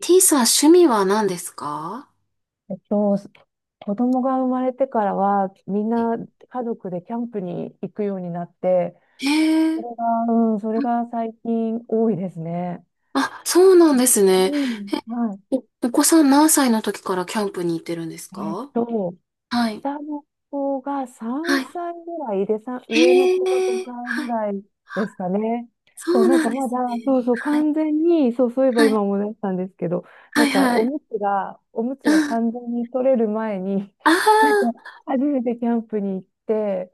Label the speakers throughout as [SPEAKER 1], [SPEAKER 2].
[SPEAKER 1] T さん、趣味は何ですか？
[SPEAKER 2] えっと、子供が生まれてからは、みんな家族でキャンプに行くようになって、
[SPEAKER 1] へえ
[SPEAKER 2] そ
[SPEAKER 1] ー。
[SPEAKER 2] れが、うん、それが最近多いですね。
[SPEAKER 1] あ、そうなんですね。
[SPEAKER 2] うん、
[SPEAKER 1] え、
[SPEAKER 2] は
[SPEAKER 1] お子さん何歳の時からキャンプに行ってるんです
[SPEAKER 2] い。
[SPEAKER 1] か？はい。
[SPEAKER 2] 下の子が
[SPEAKER 1] は
[SPEAKER 2] 3
[SPEAKER 1] い。
[SPEAKER 2] 歳ぐらいで、上の
[SPEAKER 1] へ
[SPEAKER 2] 子が
[SPEAKER 1] え。
[SPEAKER 2] 5歳
[SPEAKER 1] は
[SPEAKER 2] ぐ
[SPEAKER 1] い。
[SPEAKER 2] らいですかね。
[SPEAKER 1] そ
[SPEAKER 2] そう、
[SPEAKER 1] う
[SPEAKER 2] なん
[SPEAKER 1] な
[SPEAKER 2] か
[SPEAKER 1] んで
[SPEAKER 2] ま
[SPEAKER 1] す
[SPEAKER 2] だ、
[SPEAKER 1] ね。
[SPEAKER 2] そうそう、
[SPEAKER 1] はい。
[SPEAKER 2] 完全に、そう、そういえば
[SPEAKER 1] はい。
[SPEAKER 2] 今思い出したんですけど、
[SPEAKER 1] は
[SPEAKER 2] な
[SPEAKER 1] い。
[SPEAKER 2] んか
[SPEAKER 1] は
[SPEAKER 2] お
[SPEAKER 1] い。
[SPEAKER 2] むつが、おむつ
[SPEAKER 1] う
[SPEAKER 2] が
[SPEAKER 1] ん。
[SPEAKER 2] 完全に取れる前に、
[SPEAKER 1] あ
[SPEAKER 2] なんか
[SPEAKER 1] あ。
[SPEAKER 2] 初めてキャンプに行って、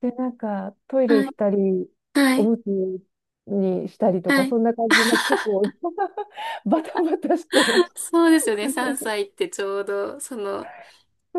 [SPEAKER 2] で、なんか、トイレ
[SPEAKER 1] はい。
[SPEAKER 2] 行ったり、
[SPEAKER 1] は
[SPEAKER 2] お
[SPEAKER 1] い。
[SPEAKER 2] むつにしたりと
[SPEAKER 1] は
[SPEAKER 2] か、そ
[SPEAKER 1] い。
[SPEAKER 2] んな感じで、なんか結構 バタバタしてました。
[SPEAKER 1] そうですよね。3 歳ってちょうど、その、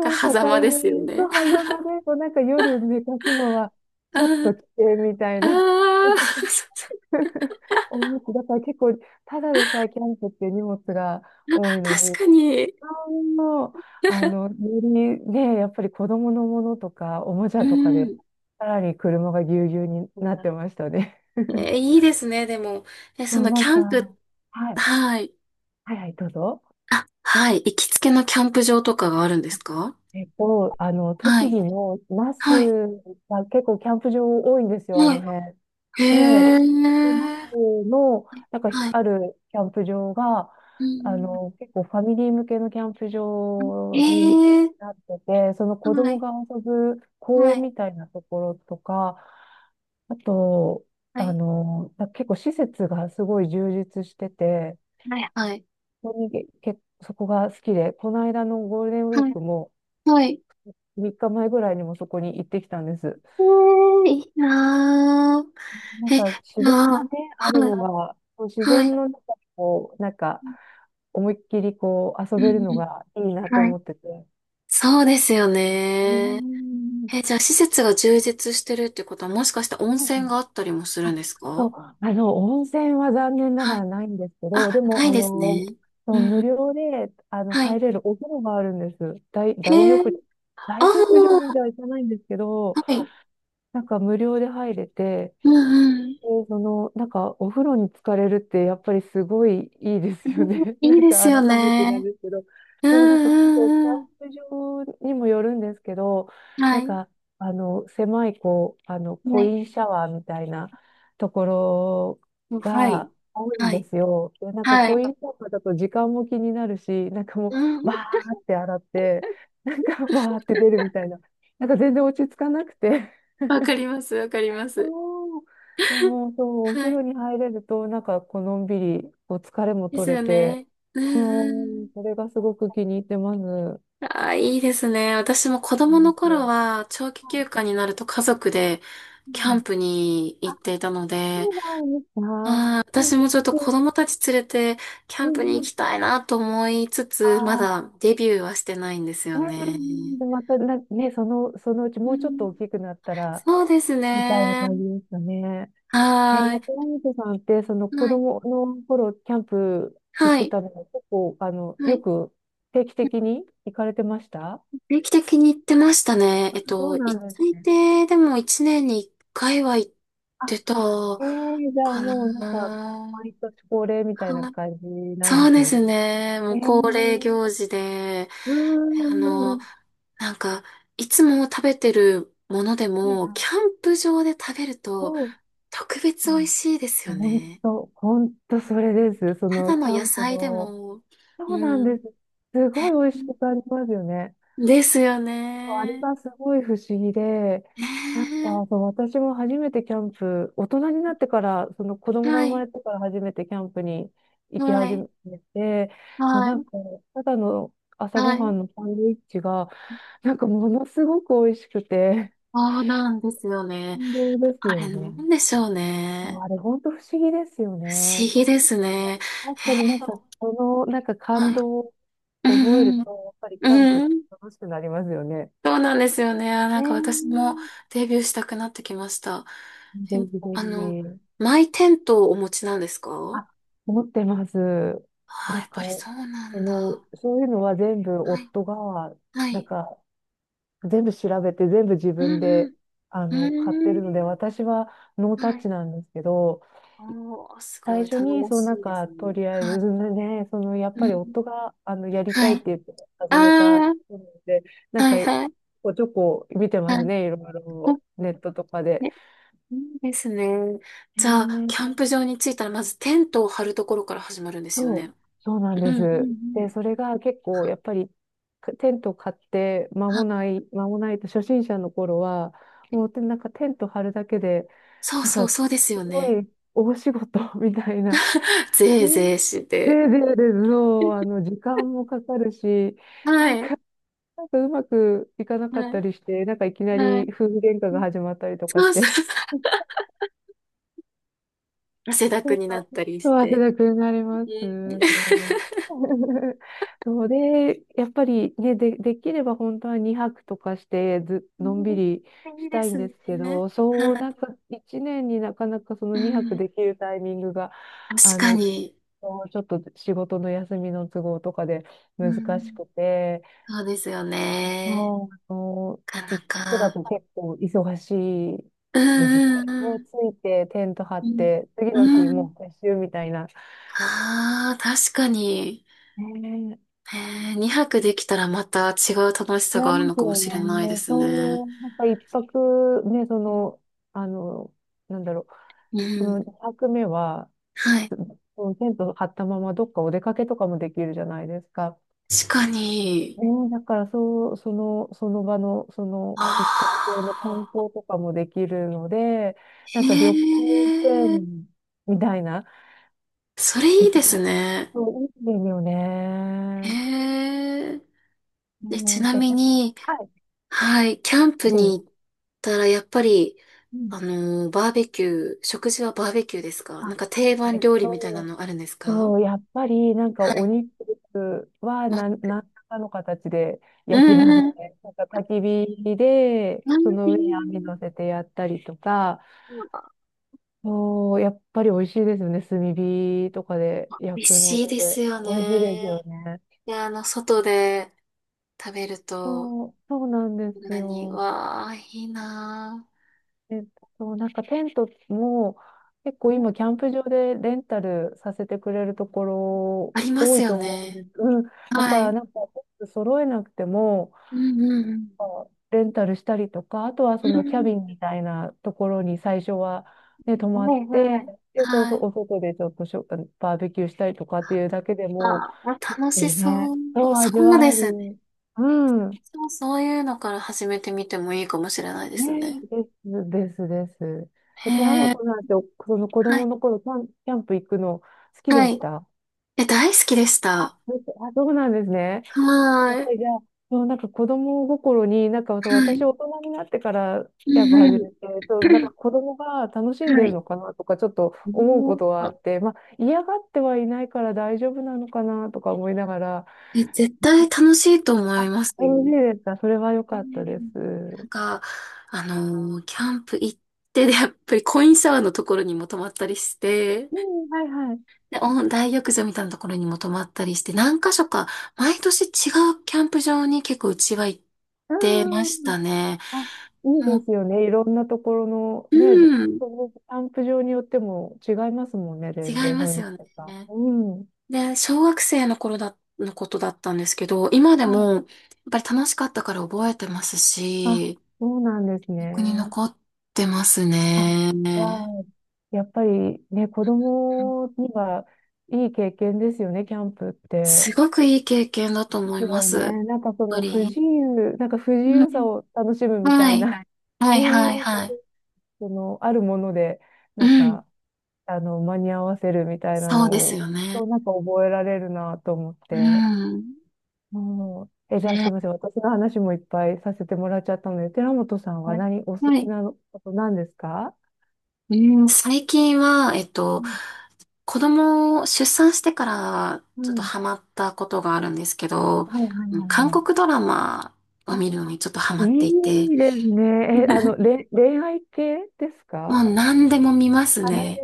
[SPEAKER 1] が
[SPEAKER 2] う、境
[SPEAKER 1] 狭間ですよ
[SPEAKER 2] 目と
[SPEAKER 1] ね。
[SPEAKER 2] 狭間で、こうなんか夜寝かすのは、
[SPEAKER 1] あ
[SPEAKER 2] ちょっと危険みたい
[SPEAKER 1] あ。
[SPEAKER 2] な。
[SPEAKER 1] ああ。
[SPEAKER 2] おむつ、だから結構、ただでさえキャンプって荷物が多いのに、
[SPEAKER 1] 確かに。
[SPEAKER 2] あの、よりね、やっぱり子供のものとか、おもち
[SPEAKER 1] う
[SPEAKER 2] ゃとかで、
[SPEAKER 1] ん。
[SPEAKER 2] さらに車がぎゅうぎゅうになってましたね。
[SPEAKER 1] いいですね、でも。え、そ
[SPEAKER 2] もう
[SPEAKER 1] の
[SPEAKER 2] な
[SPEAKER 1] キ
[SPEAKER 2] ん
[SPEAKER 1] ャ
[SPEAKER 2] か、
[SPEAKER 1] ンプ、
[SPEAKER 2] はい、
[SPEAKER 1] はい。
[SPEAKER 2] はいはい、どうぞ。
[SPEAKER 1] あ、はい。行きつけのキャンプ場とかがあるんですか？は
[SPEAKER 2] 栃
[SPEAKER 1] い。
[SPEAKER 2] 木の那
[SPEAKER 1] はい。
[SPEAKER 2] 須が結構キャンプ場多いんですよ、あ
[SPEAKER 1] は
[SPEAKER 2] の
[SPEAKER 1] い。
[SPEAKER 2] 辺。
[SPEAKER 1] へ
[SPEAKER 2] で、
[SPEAKER 1] え。
[SPEAKER 2] 那須の、なんかひ
[SPEAKER 1] はい。
[SPEAKER 2] あるキャンプ場が、
[SPEAKER 1] う
[SPEAKER 2] あ
[SPEAKER 1] ん。
[SPEAKER 2] の、結構ファミリー向けのキャンプ場に
[SPEAKER 1] ええ。
[SPEAKER 2] なってて、その子
[SPEAKER 1] は
[SPEAKER 2] 供
[SPEAKER 1] い。
[SPEAKER 2] が遊ぶ公
[SPEAKER 1] は
[SPEAKER 2] 園
[SPEAKER 1] い。
[SPEAKER 2] みたいなところとか、あと、
[SPEAKER 1] は
[SPEAKER 2] あ
[SPEAKER 1] い。
[SPEAKER 2] の、なんか結構施設がすごい充実してて、
[SPEAKER 1] はい。はい。
[SPEAKER 2] 本当にけそこが好きで、この間のゴールデンウィ
[SPEAKER 1] は
[SPEAKER 2] ー
[SPEAKER 1] い。
[SPEAKER 2] クも、
[SPEAKER 1] はい。
[SPEAKER 2] 3日前ぐらいにもそこに行ってきたんです。
[SPEAKER 1] ええ、いいな
[SPEAKER 2] な
[SPEAKER 1] ー。
[SPEAKER 2] ん
[SPEAKER 1] え、
[SPEAKER 2] か自分がね、
[SPEAKER 1] なあ、
[SPEAKER 2] ある
[SPEAKER 1] は
[SPEAKER 2] の
[SPEAKER 1] い。
[SPEAKER 2] が、こう自
[SPEAKER 1] は
[SPEAKER 2] 然
[SPEAKER 1] い。
[SPEAKER 2] の中でこう、なんか
[SPEAKER 1] う
[SPEAKER 2] 思いっきりこう遊
[SPEAKER 1] ん。う
[SPEAKER 2] べるの
[SPEAKER 1] ん
[SPEAKER 2] がいいなと
[SPEAKER 1] は
[SPEAKER 2] 思
[SPEAKER 1] い。
[SPEAKER 2] ってて。
[SPEAKER 1] そうですよ
[SPEAKER 2] う
[SPEAKER 1] ね
[SPEAKER 2] ーん。
[SPEAKER 1] え、じゃあ施設が充実してるってことはもしかして温
[SPEAKER 2] はい、
[SPEAKER 1] 泉があったりもするん
[SPEAKER 2] あ、
[SPEAKER 1] です
[SPEAKER 2] そう、
[SPEAKER 1] か？
[SPEAKER 2] あの、温泉は残念なが
[SPEAKER 1] は
[SPEAKER 2] ら
[SPEAKER 1] い。
[SPEAKER 2] ないんですけど、で
[SPEAKER 1] あ、な
[SPEAKER 2] も、
[SPEAKER 1] い
[SPEAKER 2] あ
[SPEAKER 1] です
[SPEAKER 2] の、
[SPEAKER 1] ね。う
[SPEAKER 2] そう
[SPEAKER 1] んう
[SPEAKER 2] 無
[SPEAKER 1] ん。
[SPEAKER 2] 料で、あの、
[SPEAKER 1] は
[SPEAKER 2] 入
[SPEAKER 1] い。
[SPEAKER 2] れるお風呂があるんです。大、
[SPEAKER 1] へ
[SPEAKER 2] 大
[SPEAKER 1] え、
[SPEAKER 2] 浴場。
[SPEAKER 1] あ
[SPEAKER 2] 大浴場ま
[SPEAKER 1] あ、
[SPEAKER 2] では行かないんですけど、
[SPEAKER 1] はい。
[SPEAKER 2] なんか無料で入れて、
[SPEAKER 1] うんうん。
[SPEAKER 2] で、その、なんかお風呂に浸かれるってやっぱりすごいいいで
[SPEAKER 1] う
[SPEAKER 2] すよ
[SPEAKER 1] ん
[SPEAKER 2] ね。
[SPEAKER 1] い
[SPEAKER 2] な
[SPEAKER 1] い
[SPEAKER 2] ん
[SPEAKER 1] です
[SPEAKER 2] か
[SPEAKER 1] よ
[SPEAKER 2] 改めてなん
[SPEAKER 1] ね。
[SPEAKER 2] ですけど、そう、なんか
[SPEAKER 1] うん
[SPEAKER 2] 結
[SPEAKER 1] う
[SPEAKER 2] 構キ
[SPEAKER 1] ん
[SPEAKER 2] ャ
[SPEAKER 1] う
[SPEAKER 2] ン
[SPEAKER 1] ん。
[SPEAKER 2] プ場にもよるんですけど、な
[SPEAKER 1] は
[SPEAKER 2] ん
[SPEAKER 1] い。
[SPEAKER 2] か、あの、狭い、こう、あの、
[SPEAKER 1] は
[SPEAKER 2] コイ
[SPEAKER 1] い。
[SPEAKER 2] ンシャワーみたいなところ
[SPEAKER 1] はい。
[SPEAKER 2] が多いん
[SPEAKER 1] は
[SPEAKER 2] で
[SPEAKER 1] い。
[SPEAKER 2] すよ。で、なんか
[SPEAKER 1] は
[SPEAKER 2] コ
[SPEAKER 1] い。
[SPEAKER 2] インシャワーだと時間も気になるし、なんかも
[SPEAKER 1] う
[SPEAKER 2] う、
[SPEAKER 1] ん。
[SPEAKER 2] わーって洗って、なんかわーって出るみたいな。なんか全然落ち着かなくて
[SPEAKER 1] わかります、わかります。
[SPEAKER 2] おーでも、そう、お
[SPEAKER 1] は
[SPEAKER 2] 風呂
[SPEAKER 1] い。
[SPEAKER 2] に入れると、なんか、こう、のんびり、こう、疲れも
[SPEAKER 1] で
[SPEAKER 2] 取
[SPEAKER 1] す
[SPEAKER 2] れ
[SPEAKER 1] よ
[SPEAKER 2] て、
[SPEAKER 1] ね。うん
[SPEAKER 2] う
[SPEAKER 1] う
[SPEAKER 2] ん、
[SPEAKER 1] ん。
[SPEAKER 2] それがすごく気に入ってます。
[SPEAKER 1] ああ、いいですね。私も子供
[SPEAKER 2] 感じ
[SPEAKER 1] の
[SPEAKER 2] て。
[SPEAKER 1] 頃
[SPEAKER 2] は
[SPEAKER 1] は長期休
[SPEAKER 2] い。
[SPEAKER 1] 暇になると家族で
[SPEAKER 2] う
[SPEAKER 1] キャン
[SPEAKER 2] ん。
[SPEAKER 1] プに
[SPEAKER 2] あ、
[SPEAKER 1] 行っていたの
[SPEAKER 2] そ
[SPEAKER 1] で、
[SPEAKER 2] うなんですか。
[SPEAKER 1] ああ、
[SPEAKER 2] うん
[SPEAKER 1] 私もちょっと子供たち連れてキ
[SPEAKER 2] う
[SPEAKER 1] ャン
[SPEAKER 2] ん
[SPEAKER 1] プに行
[SPEAKER 2] うん。
[SPEAKER 1] きたいなと思いつつ、ま
[SPEAKER 2] ああ、
[SPEAKER 1] だデビューはしてないんですよ
[SPEAKER 2] ね、
[SPEAKER 1] ね。
[SPEAKER 2] で、またな、ね、その、そのうち
[SPEAKER 1] う
[SPEAKER 2] もうちょっと
[SPEAKER 1] ん、
[SPEAKER 2] 大きくなったら、
[SPEAKER 1] そうです
[SPEAKER 2] みたいな
[SPEAKER 1] ね。
[SPEAKER 2] 感じですかね。
[SPEAKER 1] は
[SPEAKER 2] ラ
[SPEAKER 1] ー
[SPEAKER 2] テラミトさんって、その
[SPEAKER 1] い。
[SPEAKER 2] 子
[SPEAKER 1] はい。
[SPEAKER 2] 供の頃、キャンプ行っ
[SPEAKER 1] は
[SPEAKER 2] て
[SPEAKER 1] い。
[SPEAKER 2] たのは、結構、あの、
[SPEAKER 1] は
[SPEAKER 2] よ
[SPEAKER 1] い。
[SPEAKER 2] く定期的に行かれてました？
[SPEAKER 1] 定期的に行ってましたね。
[SPEAKER 2] そうな
[SPEAKER 1] 一
[SPEAKER 2] んで
[SPEAKER 1] 最
[SPEAKER 2] すね。
[SPEAKER 1] 低でも一年に一回は行っ
[SPEAKER 2] あ、
[SPEAKER 1] てた
[SPEAKER 2] じゃあ
[SPEAKER 1] か
[SPEAKER 2] もうなんか、
[SPEAKER 1] な。
[SPEAKER 2] 毎年恒例みたいな
[SPEAKER 1] あ
[SPEAKER 2] 感じな
[SPEAKER 1] そ
[SPEAKER 2] ん
[SPEAKER 1] う
[SPEAKER 2] です
[SPEAKER 1] で
[SPEAKER 2] ね。
[SPEAKER 1] すね。
[SPEAKER 2] え
[SPEAKER 1] もう恒例
[SPEAKER 2] ー、
[SPEAKER 1] 行事で、
[SPEAKER 2] う
[SPEAKER 1] あ
[SPEAKER 2] ー
[SPEAKER 1] の、
[SPEAKER 2] ん、
[SPEAKER 1] なんか、いつも食べてるもので
[SPEAKER 2] はい
[SPEAKER 1] も、
[SPEAKER 2] は
[SPEAKER 1] キ
[SPEAKER 2] い。
[SPEAKER 1] ャンプ場で食べると
[SPEAKER 2] そう、
[SPEAKER 1] 特別美味しいですよ
[SPEAKER 2] 本
[SPEAKER 1] ね。
[SPEAKER 2] 当、本当それです。そ
[SPEAKER 1] た
[SPEAKER 2] の、
[SPEAKER 1] だ
[SPEAKER 2] キ
[SPEAKER 1] の
[SPEAKER 2] ャ
[SPEAKER 1] 野
[SPEAKER 2] ンプ
[SPEAKER 1] 菜で
[SPEAKER 2] の、
[SPEAKER 1] も、
[SPEAKER 2] そうな
[SPEAKER 1] う
[SPEAKER 2] んで
[SPEAKER 1] ん。
[SPEAKER 2] す。すごい美
[SPEAKER 1] ね
[SPEAKER 2] 味しく感じますよね。
[SPEAKER 1] ですよ
[SPEAKER 2] あれ
[SPEAKER 1] ね。
[SPEAKER 2] がすごい不思議で、なんか
[SPEAKER 1] ね
[SPEAKER 2] そう、私も初めてキャンプ、大人になってから、その子
[SPEAKER 1] え。
[SPEAKER 2] 供が
[SPEAKER 1] は
[SPEAKER 2] 生ま
[SPEAKER 1] い。
[SPEAKER 2] れてから初めてキャンプに行き
[SPEAKER 1] は
[SPEAKER 2] 始
[SPEAKER 1] い。
[SPEAKER 2] めて、そう、
[SPEAKER 1] は
[SPEAKER 2] な
[SPEAKER 1] い。
[SPEAKER 2] んか、ただの朝ご
[SPEAKER 1] は
[SPEAKER 2] は
[SPEAKER 1] い。
[SPEAKER 2] んのサンドイッチが、なんかものすごく美味しくて、
[SPEAKER 1] そうなんですよ ね。
[SPEAKER 2] 感動です
[SPEAKER 1] あれ、
[SPEAKER 2] よ
[SPEAKER 1] な
[SPEAKER 2] ね。
[SPEAKER 1] んでしょうね。
[SPEAKER 2] あれ、本当不思議ですよ
[SPEAKER 1] 不思
[SPEAKER 2] ね。
[SPEAKER 1] 議です
[SPEAKER 2] あ、
[SPEAKER 1] ね。
[SPEAKER 2] 確かに
[SPEAKER 1] へ
[SPEAKER 2] なんか、
[SPEAKER 1] え。
[SPEAKER 2] その、なんか感
[SPEAKER 1] はい。
[SPEAKER 2] 動を
[SPEAKER 1] う
[SPEAKER 2] 覚える
[SPEAKER 1] ん
[SPEAKER 2] と、やっぱり
[SPEAKER 1] う
[SPEAKER 2] キャン
[SPEAKER 1] ん
[SPEAKER 2] プ
[SPEAKER 1] うん、
[SPEAKER 2] 楽しくなりますよね。
[SPEAKER 1] そうなんですよね。あなんか私
[SPEAKER 2] ね、
[SPEAKER 1] もデビューしたくなってきました。
[SPEAKER 2] え
[SPEAKER 1] え、
[SPEAKER 2] ぜひぜ
[SPEAKER 1] あの、
[SPEAKER 2] ひ。
[SPEAKER 1] マイテントをお持ちなんですか？
[SPEAKER 2] あ、持ってます。
[SPEAKER 1] ああ、
[SPEAKER 2] な
[SPEAKER 1] や
[SPEAKER 2] ん
[SPEAKER 1] っ
[SPEAKER 2] か、
[SPEAKER 1] ぱりそうな
[SPEAKER 2] そ
[SPEAKER 1] ん
[SPEAKER 2] の、
[SPEAKER 1] だ。
[SPEAKER 2] そういうのは全部
[SPEAKER 1] はい、
[SPEAKER 2] 夫が、
[SPEAKER 1] は
[SPEAKER 2] なん
[SPEAKER 1] い。
[SPEAKER 2] か、全部調べて、全部自
[SPEAKER 1] う
[SPEAKER 2] 分
[SPEAKER 1] んう
[SPEAKER 2] で、
[SPEAKER 1] ん。
[SPEAKER 2] あ
[SPEAKER 1] う
[SPEAKER 2] の、買ってるの
[SPEAKER 1] ー
[SPEAKER 2] で、
[SPEAKER 1] ん。
[SPEAKER 2] 私はノータッ
[SPEAKER 1] は
[SPEAKER 2] チ
[SPEAKER 1] い。
[SPEAKER 2] なんですけど、
[SPEAKER 1] おー、すご
[SPEAKER 2] 最
[SPEAKER 1] い、
[SPEAKER 2] 初
[SPEAKER 1] 頼
[SPEAKER 2] に、
[SPEAKER 1] も
[SPEAKER 2] その
[SPEAKER 1] し
[SPEAKER 2] なん
[SPEAKER 1] いです
[SPEAKER 2] か、と
[SPEAKER 1] ね。
[SPEAKER 2] りあえ
[SPEAKER 1] はい。
[SPEAKER 2] ずね、ねその、やっ
[SPEAKER 1] う
[SPEAKER 2] ぱり
[SPEAKER 1] ん。
[SPEAKER 2] 夫が、あの、やりたい
[SPEAKER 1] は
[SPEAKER 2] って
[SPEAKER 1] い。
[SPEAKER 2] 言って始めた
[SPEAKER 1] あ
[SPEAKER 2] ので、な
[SPEAKER 1] あ、
[SPEAKER 2] ん
[SPEAKER 1] は
[SPEAKER 2] か、
[SPEAKER 1] い
[SPEAKER 2] ちょ
[SPEAKER 1] はい。
[SPEAKER 2] こちょこ見て
[SPEAKER 1] は
[SPEAKER 2] ます
[SPEAKER 1] い。
[SPEAKER 2] ね、いろいろ、ネットとかで。
[SPEAKER 1] ねいいですね。
[SPEAKER 2] へ
[SPEAKER 1] じゃあ、キ
[SPEAKER 2] え、
[SPEAKER 1] ャンプ場に着いたら、まずテントを張るところから始まるんですよ
[SPEAKER 2] そう、
[SPEAKER 1] ね。
[SPEAKER 2] そうなん
[SPEAKER 1] う
[SPEAKER 2] で
[SPEAKER 1] んうん
[SPEAKER 2] す。
[SPEAKER 1] うん。
[SPEAKER 2] で、それが結構やっぱりかテント買って間
[SPEAKER 1] は
[SPEAKER 2] も
[SPEAKER 1] い
[SPEAKER 2] ない、間もないと初心者の頃は、もうてなんかテント張るだけで、
[SPEAKER 1] そう
[SPEAKER 2] なん
[SPEAKER 1] そ
[SPEAKER 2] か
[SPEAKER 1] う、
[SPEAKER 2] す
[SPEAKER 1] そうですよ
[SPEAKER 2] ご
[SPEAKER 1] ね。
[SPEAKER 2] い大仕事 みたいな。
[SPEAKER 1] ぜ
[SPEAKER 2] う
[SPEAKER 1] ー
[SPEAKER 2] ん、
[SPEAKER 1] ぜーして。
[SPEAKER 2] で、そう、あの、時間もかかるし、な
[SPEAKER 1] は
[SPEAKER 2] ん
[SPEAKER 1] い。
[SPEAKER 2] か、なんかうまくいかなかっ
[SPEAKER 1] は
[SPEAKER 2] た
[SPEAKER 1] い。
[SPEAKER 2] りして、なんかいきな
[SPEAKER 1] は
[SPEAKER 2] り
[SPEAKER 1] い。
[SPEAKER 2] 夫婦喧嘩が始まったりとか
[SPEAKER 1] そ
[SPEAKER 2] し
[SPEAKER 1] うそ
[SPEAKER 2] て。
[SPEAKER 1] う。汗だ
[SPEAKER 2] な
[SPEAKER 1] く
[SPEAKER 2] ん
[SPEAKER 1] になっ
[SPEAKER 2] か、
[SPEAKER 1] たりし
[SPEAKER 2] そう汗
[SPEAKER 1] て。
[SPEAKER 2] だくになります。
[SPEAKER 1] え
[SPEAKER 2] そうで、やっぱりね、で、できれば本当は2泊とかしてず、のんび
[SPEAKER 1] ー、
[SPEAKER 2] り
[SPEAKER 1] い
[SPEAKER 2] し
[SPEAKER 1] いで
[SPEAKER 2] たい
[SPEAKER 1] す
[SPEAKER 2] んですけ
[SPEAKER 1] ね。
[SPEAKER 2] ど、
[SPEAKER 1] は
[SPEAKER 2] そう、なん
[SPEAKER 1] い。
[SPEAKER 2] か1年になかなかその
[SPEAKER 1] う
[SPEAKER 2] 2泊
[SPEAKER 1] ん。
[SPEAKER 2] できるタイミングが、
[SPEAKER 1] 確
[SPEAKER 2] あ
[SPEAKER 1] か
[SPEAKER 2] の、ち
[SPEAKER 1] に。
[SPEAKER 2] ょっと仕事の休みの都合とかで
[SPEAKER 1] う
[SPEAKER 2] 難し
[SPEAKER 1] ん。
[SPEAKER 2] くて、
[SPEAKER 1] そうですよね。
[SPEAKER 2] もう、あの、
[SPEAKER 1] なかな
[SPEAKER 2] 一泊だ
[SPEAKER 1] か。
[SPEAKER 2] と結構忙しい
[SPEAKER 1] う
[SPEAKER 2] です
[SPEAKER 1] ん
[SPEAKER 2] ね。
[SPEAKER 1] う
[SPEAKER 2] ね、
[SPEAKER 1] ん
[SPEAKER 2] 着いてテント張
[SPEAKER 1] う
[SPEAKER 2] っ
[SPEAKER 1] ん。
[SPEAKER 2] て、次
[SPEAKER 1] う
[SPEAKER 2] の
[SPEAKER 1] ん。
[SPEAKER 2] 日
[SPEAKER 1] うん。
[SPEAKER 2] もう撤収みたいな。
[SPEAKER 1] ああ、確かに。
[SPEAKER 2] ね
[SPEAKER 1] ねえー、2泊できたらまた違う楽し
[SPEAKER 2] え、
[SPEAKER 1] さ
[SPEAKER 2] 違
[SPEAKER 1] が
[SPEAKER 2] い
[SPEAKER 1] ある
[SPEAKER 2] ま
[SPEAKER 1] の
[SPEAKER 2] す
[SPEAKER 1] かも
[SPEAKER 2] よ
[SPEAKER 1] し
[SPEAKER 2] ね。
[SPEAKER 1] れないですね。
[SPEAKER 2] そう、なんか一泊ね、そ
[SPEAKER 1] うん。
[SPEAKER 2] の、あの、なんだろ
[SPEAKER 1] う
[SPEAKER 2] う、この
[SPEAKER 1] ん
[SPEAKER 2] 泊目は、
[SPEAKER 1] はい。
[SPEAKER 2] そのテント張ったままどっかお出かけとかもできるじゃないですか。
[SPEAKER 1] 確かに。
[SPEAKER 2] ねえ、だからそう、その、その場の、その、行ったところの観
[SPEAKER 1] ああ。
[SPEAKER 2] 光とかもできるので、な
[SPEAKER 1] へ
[SPEAKER 2] んか旅行
[SPEAKER 1] え。
[SPEAKER 2] 券みたいな、
[SPEAKER 1] それ
[SPEAKER 2] で
[SPEAKER 1] いい
[SPEAKER 2] き
[SPEAKER 1] で
[SPEAKER 2] ま
[SPEAKER 1] す
[SPEAKER 2] す。
[SPEAKER 1] ね。
[SPEAKER 2] そう、いいですよ
[SPEAKER 1] へ
[SPEAKER 2] ね。
[SPEAKER 1] え。で、ち
[SPEAKER 2] もう、
[SPEAKER 1] な
[SPEAKER 2] え、
[SPEAKER 1] みに、
[SPEAKER 2] はい、
[SPEAKER 1] はい、キャン
[SPEAKER 2] ど
[SPEAKER 1] プ
[SPEAKER 2] うぞ。
[SPEAKER 1] に行ったら、やっぱり、
[SPEAKER 2] うん。
[SPEAKER 1] バーベキュー、食事はバーベキューですか？なんか
[SPEAKER 2] あ、
[SPEAKER 1] 定
[SPEAKER 2] え
[SPEAKER 1] 番
[SPEAKER 2] っ
[SPEAKER 1] 料理みたいな
[SPEAKER 2] と、
[SPEAKER 1] のあるんです
[SPEAKER 2] そ
[SPEAKER 1] か？
[SPEAKER 2] う、やっぱりなんか
[SPEAKER 1] は
[SPEAKER 2] お
[SPEAKER 1] い。
[SPEAKER 2] 肉は何、
[SPEAKER 1] あ
[SPEAKER 2] 何らかの形で
[SPEAKER 1] う
[SPEAKER 2] 焼きます
[SPEAKER 1] んうん。
[SPEAKER 2] ね。なんか焚き火で、
[SPEAKER 1] う
[SPEAKER 2] その上に網
[SPEAKER 1] ん
[SPEAKER 2] 乗せてやったりとか、そう、やっぱり美味しいですよね。炭火とかで
[SPEAKER 1] 美
[SPEAKER 2] 焼
[SPEAKER 1] 味
[SPEAKER 2] くのっ
[SPEAKER 1] しいです
[SPEAKER 2] て。
[SPEAKER 1] よ
[SPEAKER 2] 美味しいですよ
[SPEAKER 1] ね。
[SPEAKER 2] ね。
[SPEAKER 1] で、外で食べると、
[SPEAKER 2] そう、そうなんで
[SPEAKER 1] こん
[SPEAKER 2] す
[SPEAKER 1] なに、
[SPEAKER 2] よ。
[SPEAKER 1] わあ、いいな
[SPEAKER 2] えっなんかテントも結構
[SPEAKER 1] ね
[SPEAKER 2] 今キャンプ場でレンタルさせてくれるところ
[SPEAKER 1] ありま
[SPEAKER 2] 多
[SPEAKER 1] す
[SPEAKER 2] い
[SPEAKER 1] よ
[SPEAKER 2] と思うん
[SPEAKER 1] ね。
[SPEAKER 2] です。うん。だか
[SPEAKER 1] は
[SPEAKER 2] ら
[SPEAKER 1] い。
[SPEAKER 2] なんか揃えなくても、
[SPEAKER 1] うんうんうん。
[SPEAKER 2] レンタルしたりとか、あとは
[SPEAKER 1] う
[SPEAKER 2] そのキャ
[SPEAKER 1] ん
[SPEAKER 2] ビンみたいなところに最初は、ね、泊
[SPEAKER 1] うん
[SPEAKER 2] まっ
[SPEAKER 1] はいは
[SPEAKER 2] て、
[SPEAKER 1] い。
[SPEAKER 2] で、そう
[SPEAKER 1] は
[SPEAKER 2] そ
[SPEAKER 1] い。
[SPEAKER 2] う、お外でちょっとバーベキューしたりとかっていうだけでも、
[SPEAKER 1] あ、
[SPEAKER 2] 結
[SPEAKER 1] 楽し
[SPEAKER 2] 構ね、
[SPEAKER 1] そう。
[SPEAKER 2] そう
[SPEAKER 1] そ
[SPEAKER 2] 味
[SPEAKER 1] う
[SPEAKER 2] わ
[SPEAKER 1] で
[SPEAKER 2] え
[SPEAKER 1] すね。
[SPEAKER 2] る。うん。
[SPEAKER 1] 私もそういうのから始めてみてもいいかもしれないで
[SPEAKER 2] ね、
[SPEAKER 1] すね。
[SPEAKER 2] です、です、です。え、寺
[SPEAKER 1] へえ。
[SPEAKER 2] 本なんて、その子
[SPEAKER 1] は
[SPEAKER 2] 供
[SPEAKER 1] い。
[SPEAKER 2] の頃、キャンプ行くの好き
[SPEAKER 1] は
[SPEAKER 2] でし
[SPEAKER 1] い。
[SPEAKER 2] た？
[SPEAKER 1] え、大好きでし
[SPEAKER 2] あ、
[SPEAKER 1] た。
[SPEAKER 2] ですあ、そうなんですね。やっ
[SPEAKER 1] はー
[SPEAKER 2] ぱ
[SPEAKER 1] い。
[SPEAKER 2] りじゃあ、そう、なんか子供心に、なんかそう
[SPEAKER 1] は
[SPEAKER 2] 私
[SPEAKER 1] い。
[SPEAKER 2] 大人になってから
[SPEAKER 1] う
[SPEAKER 2] やっぱ
[SPEAKER 1] ん
[SPEAKER 2] 始め
[SPEAKER 1] う
[SPEAKER 2] て、
[SPEAKER 1] ん。
[SPEAKER 2] そう、なんか子供が楽しんで
[SPEAKER 1] は
[SPEAKER 2] る
[SPEAKER 1] い。
[SPEAKER 2] のかなとかちょっと
[SPEAKER 1] う
[SPEAKER 2] 思うこ
[SPEAKER 1] ん
[SPEAKER 2] とはあって、まあ嫌がってはいないから大丈夫なのかなとか思いながら、
[SPEAKER 1] え、絶対楽しいと
[SPEAKER 2] あ、
[SPEAKER 1] 思いますよ。
[SPEAKER 2] 楽しいでした。それは良
[SPEAKER 1] う
[SPEAKER 2] かったです。
[SPEAKER 1] んなん
[SPEAKER 2] う
[SPEAKER 1] か、キャンプ行って、で、やっぱりコインシャワーのところにも泊まったりして、
[SPEAKER 2] ん、はいはい。
[SPEAKER 1] で、お大浴場みたいなところにも泊まったりして、何箇所か、毎年違うキャンプ場に結構うちは行ってま
[SPEAKER 2] う
[SPEAKER 1] し
[SPEAKER 2] ん。
[SPEAKER 1] たね。
[SPEAKER 2] あ、いいで
[SPEAKER 1] も
[SPEAKER 2] すよね。いろんなところの、
[SPEAKER 1] う、
[SPEAKER 2] ね、
[SPEAKER 1] うん、
[SPEAKER 2] そのキャンプ場によっても違いますもんね、全
[SPEAKER 1] 違い
[SPEAKER 2] 然
[SPEAKER 1] ます
[SPEAKER 2] 雰囲
[SPEAKER 1] よ
[SPEAKER 2] 気とか。
[SPEAKER 1] ね。
[SPEAKER 2] うん。
[SPEAKER 1] で、小学生の頃だ、のことだったんですけど、今で
[SPEAKER 2] はい。
[SPEAKER 1] も、やっぱり楽しかったから覚えてます
[SPEAKER 2] あ、
[SPEAKER 1] し、
[SPEAKER 2] そうなんです
[SPEAKER 1] 記に
[SPEAKER 2] ね。
[SPEAKER 1] 残ってます
[SPEAKER 2] あ
[SPEAKER 1] ね。
[SPEAKER 2] じゃあ
[SPEAKER 1] う
[SPEAKER 2] やっぱりね、子
[SPEAKER 1] ん
[SPEAKER 2] 供にはいい経験ですよね、キャンプって。
[SPEAKER 1] すごくいい経験だと
[SPEAKER 2] で
[SPEAKER 1] 思い
[SPEAKER 2] す
[SPEAKER 1] ま
[SPEAKER 2] よ
[SPEAKER 1] す。やっ
[SPEAKER 2] ね。なんかそ
[SPEAKER 1] ぱ
[SPEAKER 2] の不自
[SPEAKER 1] り。
[SPEAKER 2] 由、なんか不自
[SPEAKER 1] う
[SPEAKER 2] 由さ
[SPEAKER 1] ん、
[SPEAKER 2] を楽しむみた
[SPEAKER 1] は
[SPEAKER 2] い
[SPEAKER 1] い。
[SPEAKER 2] な、
[SPEAKER 1] はい
[SPEAKER 2] ね
[SPEAKER 1] は
[SPEAKER 2] え、な
[SPEAKER 1] い
[SPEAKER 2] んか
[SPEAKER 1] は
[SPEAKER 2] ね
[SPEAKER 1] い。
[SPEAKER 2] その、あるもので、
[SPEAKER 1] う
[SPEAKER 2] なん
[SPEAKER 1] ん。
[SPEAKER 2] か、あの、間に合わせるみたいな
[SPEAKER 1] そうで
[SPEAKER 2] の
[SPEAKER 1] すよ
[SPEAKER 2] を、そ
[SPEAKER 1] ね。
[SPEAKER 2] うなんか覚えられるなと思っ
[SPEAKER 1] う
[SPEAKER 2] て。
[SPEAKER 1] ん。
[SPEAKER 2] うん。え、じゃあす
[SPEAKER 1] ね、
[SPEAKER 2] いません。私の話もいっぱいさせてもらっちゃったので、寺本さんは
[SPEAKER 1] はい。
[SPEAKER 2] 何、お好
[SPEAKER 1] は
[SPEAKER 2] き
[SPEAKER 1] い。
[SPEAKER 2] なことなんですか？
[SPEAKER 1] うん、最近は、
[SPEAKER 2] うん、
[SPEAKER 1] 子供を出産してから、
[SPEAKER 2] う
[SPEAKER 1] ちょっと
[SPEAKER 2] ん
[SPEAKER 1] ハマったことがあるんですけど、
[SPEAKER 2] はいはいはい
[SPEAKER 1] 韓
[SPEAKER 2] はい。
[SPEAKER 1] 国ドラマを見るのにちょっとハマっていて、
[SPEAKER 2] いいですね。え、あの、恋愛系です
[SPEAKER 1] も
[SPEAKER 2] か？
[SPEAKER 1] う何でも見ます
[SPEAKER 2] あ、なん
[SPEAKER 1] ね。
[SPEAKER 2] で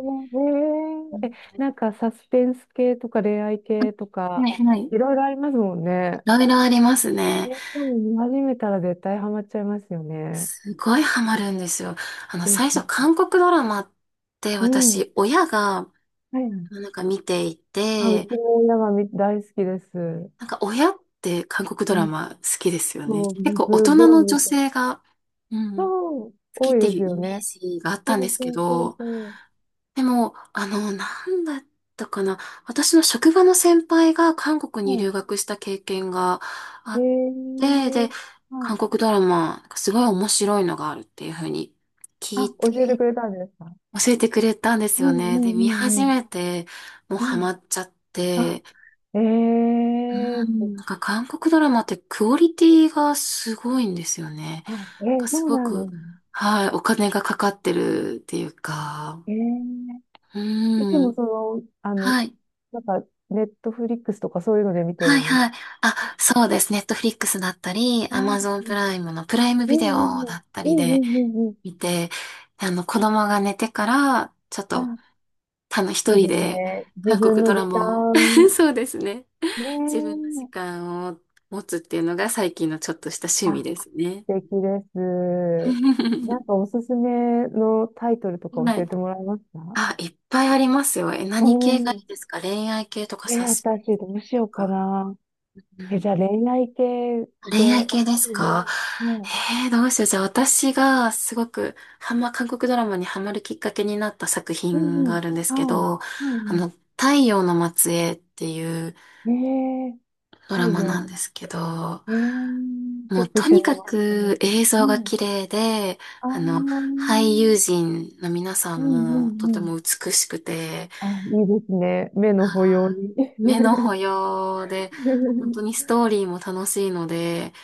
[SPEAKER 1] う
[SPEAKER 2] も。へえ。え、
[SPEAKER 1] ん
[SPEAKER 2] なんかサスペンス系とか恋愛系と
[SPEAKER 1] は
[SPEAKER 2] か、
[SPEAKER 1] いはい。い
[SPEAKER 2] いろいろありますもんね。
[SPEAKER 1] ろいろありますね。
[SPEAKER 2] ね、しかも見始めたら絶対ハマっちゃいますよね。
[SPEAKER 1] すごいハマるんですよ。
[SPEAKER 2] で
[SPEAKER 1] 最
[SPEAKER 2] す
[SPEAKER 1] 初、
[SPEAKER 2] ね。
[SPEAKER 1] 韓国ドラマって
[SPEAKER 2] うん。は
[SPEAKER 1] 私、親が、
[SPEAKER 2] いはい。
[SPEAKER 1] なんか見てい
[SPEAKER 2] あ、う
[SPEAKER 1] て、
[SPEAKER 2] ちの親がみ大好きです。
[SPEAKER 1] なんか親って韓国ド
[SPEAKER 2] う
[SPEAKER 1] ラ
[SPEAKER 2] ん、
[SPEAKER 1] マ好きですよね。
[SPEAKER 2] そう、
[SPEAKER 1] 結構大
[SPEAKER 2] す
[SPEAKER 1] 人
[SPEAKER 2] ごい
[SPEAKER 1] の女
[SPEAKER 2] 見て
[SPEAKER 1] 性が、うん、
[SPEAKER 2] そう、
[SPEAKER 1] 好き
[SPEAKER 2] 多
[SPEAKER 1] っ
[SPEAKER 2] い
[SPEAKER 1] て
[SPEAKER 2] です
[SPEAKER 1] いうイ
[SPEAKER 2] よ
[SPEAKER 1] メー
[SPEAKER 2] ね。
[SPEAKER 1] ジがあったん
[SPEAKER 2] そ
[SPEAKER 1] で
[SPEAKER 2] う
[SPEAKER 1] すけ
[SPEAKER 2] そうそう
[SPEAKER 1] ど、
[SPEAKER 2] そ
[SPEAKER 1] でも、なんだったかな。私の職場の先輩が韓国
[SPEAKER 2] う。
[SPEAKER 1] に
[SPEAKER 2] は
[SPEAKER 1] 留学した経験があ
[SPEAKER 2] い。
[SPEAKER 1] っ
[SPEAKER 2] へ
[SPEAKER 1] て、で、
[SPEAKER 2] え。はい。
[SPEAKER 1] 韓国ドラマ、なんかすごい面白いのがあるっていうふうに聞い
[SPEAKER 2] あ、教えて
[SPEAKER 1] て、
[SPEAKER 2] くれたんですか？
[SPEAKER 1] 教えてくれたんです
[SPEAKER 2] う
[SPEAKER 1] よ
[SPEAKER 2] んう
[SPEAKER 1] ね。で、
[SPEAKER 2] んう
[SPEAKER 1] 見
[SPEAKER 2] ん
[SPEAKER 1] 始
[SPEAKER 2] うん
[SPEAKER 1] めて、もう
[SPEAKER 2] う
[SPEAKER 1] ハ
[SPEAKER 2] ん。
[SPEAKER 1] マっちゃっ
[SPEAKER 2] あ、
[SPEAKER 1] て、
[SPEAKER 2] ええ
[SPEAKER 1] う
[SPEAKER 2] ー、
[SPEAKER 1] ん、なんか韓国ドラマってクオリティがすごいんですよね。
[SPEAKER 2] あ、
[SPEAKER 1] なんかす
[SPEAKER 2] そう
[SPEAKER 1] ご
[SPEAKER 2] なんで
[SPEAKER 1] く、
[SPEAKER 2] すね。
[SPEAKER 1] はい、お金がかかってるっていうか、
[SPEAKER 2] ええーいつ
[SPEAKER 1] う
[SPEAKER 2] も
[SPEAKER 1] ん。
[SPEAKER 2] その、あの、
[SPEAKER 1] はい。
[SPEAKER 2] なんか、ネットフリックスとかそういうので見て
[SPEAKER 1] は
[SPEAKER 2] る
[SPEAKER 1] い
[SPEAKER 2] んです
[SPEAKER 1] はい。あ、
[SPEAKER 2] か。あ、
[SPEAKER 1] そうです。ネットフリックスだったり、
[SPEAKER 2] あ
[SPEAKER 1] アマ
[SPEAKER 2] ー
[SPEAKER 1] ゾンプライムのプライムビデオだった
[SPEAKER 2] うん
[SPEAKER 1] りで
[SPEAKER 2] うんうんうんうんうんうんうん。
[SPEAKER 1] 見て、子供が寝てから、ちょっと、
[SPEAKER 2] あ、
[SPEAKER 1] たの一
[SPEAKER 2] いいで
[SPEAKER 1] 人
[SPEAKER 2] す
[SPEAKER 1] で、
[SPEAKER 2] ね。自
[SPEAKER 1] 韓
[SPEAKER 2] 分
[SPEAKER 1] 国
[SPEAKER 2] の
[SPEAKER 1] ドラ
[SPEAKER 2] 時
[SPEAKER 1] マを、
[SPEAKER 2] 間、
[SPEAKER 1] そうですね。
[SPEAKER 2] ね
[SPEAKER 1] 自分の時
[SPEAKER 2] え。
[SPEAKER 1] 間を持つっていうのが最近のちょっとした趣味
[SPEAKER 2] あ、
[SPEAKER 1] ですね。
[SPEAKER 2] 素敵です。な んかおすすめのタイトルとか
[SPEAKER 1] は
[SPEAKER 2] 教
[SPEAKER 1] い。
[SPEAKER 2] えてもらえますか？
[SPEAKER 1] あ、いっぱいありますよ。え、
[SPEAKER 2] お
[SPEAKER 1] 何系がい
[SPEAKER 2] ー、
[SPEAKER 1] いですか？恋愛系とかサスペ
[SPEAKER 2] 私どうし
[SPEAKER 1] と
[SPEAKER 2] ようか
[SPEAKER 1] か。
[SPEAKER 2] な。
[SPEAKER 1] う
[SPEAKER 2] え、
[SPEAKER 1] ん、
[SPEAKER 2] じゃあ恋愛系
[SPEAKER 1] 恋愛
[SPEAKER 2] で、
[SPEAKER 1] 系ですか？
[SPEAKER 2] も
[SPEAKER 1] どうしよう。じゃあ私がすごく韓国ドラマにハマるきっかけになった作
[SPEAKER 2] う、う
[SPEAKER 1] 品
[SPEAKER 2] んう
[SPEAKER 1] があ
[SPEAKER 2] ん、
[SPEAKER 1] るんです
[SPEAKER 2] は
[SPEAKER 1] け
[SPEAKER 2] い、
[SPEAKER 1] ど、
[SPEAKER 2] はい
[SPEAKER 1] あ
[SPEAKER 2] は
[SPEAKER 1] の、太陽の末裔っていう
[SPEAKER 2] い。ええ、
[SPEAKER 1] ド
[SPEAKER 2] 太
[SPEAKER 1] ラマな
[SPEAKER 2] 陽、
[SPEAKER 1] んですけど、
[SPEAKER 2] ええ、チ
[SPEAKER 1] も
[SPEAKER 2] ェ
[SPEAKER 1] う
[SPEAKER 2] ック
[SPEAKER 1] と
[SPEAKER 2] して
[SPEAKER 1] に
[SPEAKER 2] み
[SPEAKER 1] か
[SPEAKER 2] ます。
[SPEAKER 1] く映像
[SPEAKER 2] う
[SPEAKER 1] が
[SPEAKER 2] ん、
[SPEAKER 1] 綺麗で、
[SPEAKER 2] あー、
[SPEAKER 1] あの、
[SPEAKER 2] う
[SPEAKER 1] 俳優
[SPEAKER 2] ん
[SPEAKER 1] 陣の皆さ
[SPEAKER 2] う
[SPEAKER 1] ん
[SPEAKER 2] ん
[SPEAKER 1] もとて
[SPEAKER 2] うん。
[SPEAKER 1] も美しくて、
[SPEAKER 2] あ、いいですね。目の保養
[SPEAKER 1] は
[SPEAKER 2] に。
[SPEAKER 1] い目の 保養で、本当にストーリーも楽しいので、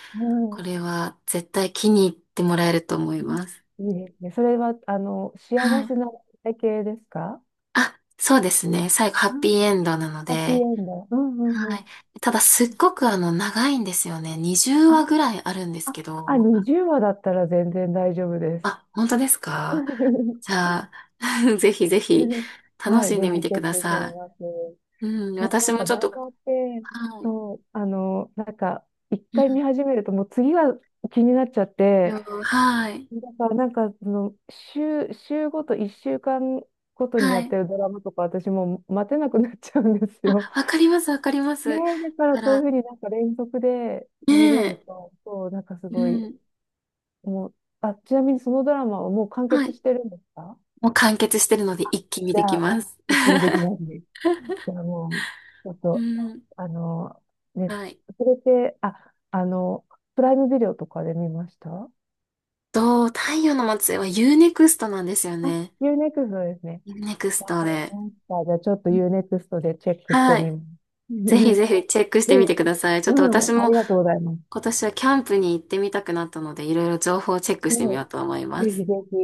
[SPEAKER 1] こ
[SPEAKER 2] は
[SPEAKER 1] れは絶対気に入ってもらえると思い
[SPEAKER 2] い。
[SPEAKER 1] ます。
[SPEAKER 2] いいですね。それは、あの、
[SPEAKER 1] は
[SPEAKER 2] 幸せ
[SPEAKER 1] い。
[SPEAKER 2] な体系ですか？
[SPEAKER 1] あ、そうですね。最後、ハ
[SPEAKER 2] あ、
[SPEAKER 1] ッピーエンドなの
[SPEAKER 2] ハッピーエ
[SPEAKER 1] で、
[SPEAKER 2] ンド。うんうんう
[SPEAKER 1] はい。
[SPEAKER 2] ん。
[SPEAKER 1] ただ、すっごく長いんですよね。20
[SPEAKER 2] あ、
[SPEAKER 1] 話ぐらいあるんです
[SPEAKER 2] あ、
[SPEAKER 1] け
[SPEAKER 2] あ、
[SPEAKER 1] ど。
[SPEAKER 2] 20話だったら全然大丈夫です。
[SPEAKER 1] あ、本当ですか？ じゃあ、ぜひぜひ、楽
[SPEAKER 2] はい、
[SPEAKER 1] しん
[SPEAKER 2] ぜ
[SPEAKER 1] でみ
[SPEAKER 2] ひ
[SPEAKER 1] て
[SPEAKER 2] チェ
[SPEAKER 1] く
[SPEAKER 2] ッ
[SPEAKER 1] だ
[SPEAKER 2] クしてみ
[SPEAKER 1] さ
[SPEAKER 2] ます。
[SPEAKER 1] い。うん、
[SPEAKER 2] そう、な
[SPEAKER 1] 私
[SPEAKER 2] ん
[SPEAKER 1] も
[SPEAKER 2] か
[SPEAKER 1] ち
[SPEAKER 2] ド
[SPEAKER 1] ょっ
[SPEAKER 2] ラ
[SPEAKER 1] と、
[SPEAKER 2] マって、
[SPEAKER 1] はい。
[SPEAKER 2] そう、あの、なんか、一
[SPEAKER 1] う
[SPEAKER 2] 回
[SPEAKER 1] ん
[SPEAKER 2] 見始めると、もう次が気になっちゃっ
[SPEAKER 1] は
[SPEAKER 2] て、
[SPEAKER 1] い。はい。
[SPEAKER 2] だからなんか、その、週、週ごと、一週間ごとに
[SPEAKER 1] は
[SPEAKER 2] やっ
[SPEAKER 1] い
[SPEAKER 2] てるドラマとか、私もう待てなくなっちゃうんです
[SPEAKER 1] あ、
[SPEAKER 2] よ。
[SPEAKER 1] わかります、わかりま
[SPEAKER 2] ね
[SPEAKER 1] す。だ
[SPEAKER 2] え、だから
[SPEAKER 1] か
[SPEAKER 2] そういう
[SPEAKER 1] ら、
[SPEAKER 2] ふうになんか連続で
[SPEAKER 1] ね
[SPEAKER 2] 見れ
[SPEAKER 1] え。
[SPEAKER 2] ると、そう、なんかす
[SPEAKER 1] う
[SPEAKER 2] ごい、
[SPEAKER 1] ん。
[SPEAKER 2] もう、あ、ちなみにそのドラマはもう完
[SPEAKER 1] は
[SPEAKER 2] 結
[SPEAKER 1] い。
[SPEAKER 2] してるんですか？
[SPEAKER 1] もう完結してるので一気に
[SPEAKER 2] じ
[SPEAKER 1] でき
[SPEAKER 2] ゃあ、
[SPEAKER 1] ます。
[SPEAKER 2] 一気にできます？ じゃあもう、ちょっ
[SPEAKER 1] う
[SPEAKER 2] と、
[SPEAKER 1] ん。
[SPEAKER 2] あの、ね、
[SPEAKER 1] はい。
[SPEAKER 2] それって、あ、あの、プライムビデオとかで見ました？
[SPEAKER 1] 太陽の末裔はユーネクストなんですよ
[SPEAKER 2] あ、
[SPEAKER 1] ね。
[SPEAKER 2] ユーネクストですね。
[SPEAKER 1] ユーネクス
[SPEAKER 2] わ
[SPEAKER 1] ト
[SPEAKER 2] かり
[SPEAKER 1] で。
[SPEAKER 2] ました。じゃあちょっと
[SPEAKER 1] うん
[SPEAKER 2] ユーネクストでチェックして
[SPEAKER 1] はい。
[SPEAKER 2] みま
[SPEAKER 1] ぜひぜ
[SPEAKER 2] す。
[SPEAKER 1] ひチェック し
[SPEAKER 2] で
[SPEAKER 1] てみてください。ちょっ
[SPEAKER 2] う
[SPEAKER 1] と
[SPEAKER 2] ん、
[SPEAKER 1] 私
[SPEAKER 2] あ
[SPEAKER 1] も
[SPEAKER 2] りがとうございます。
[SPEAKER 1] 今年はキャンプに行ってみたくなったので、いろいろ情報をチェック
[SPEAKER 2] う
[SPEAKER 1] してみ
[SPEAKER 2] ん、
[SPEAKER 1] ようと思いま
[SPEAKER 2] ぜひ
[SPEAKER 1] す。
[SPEAKER 2] ぜひ。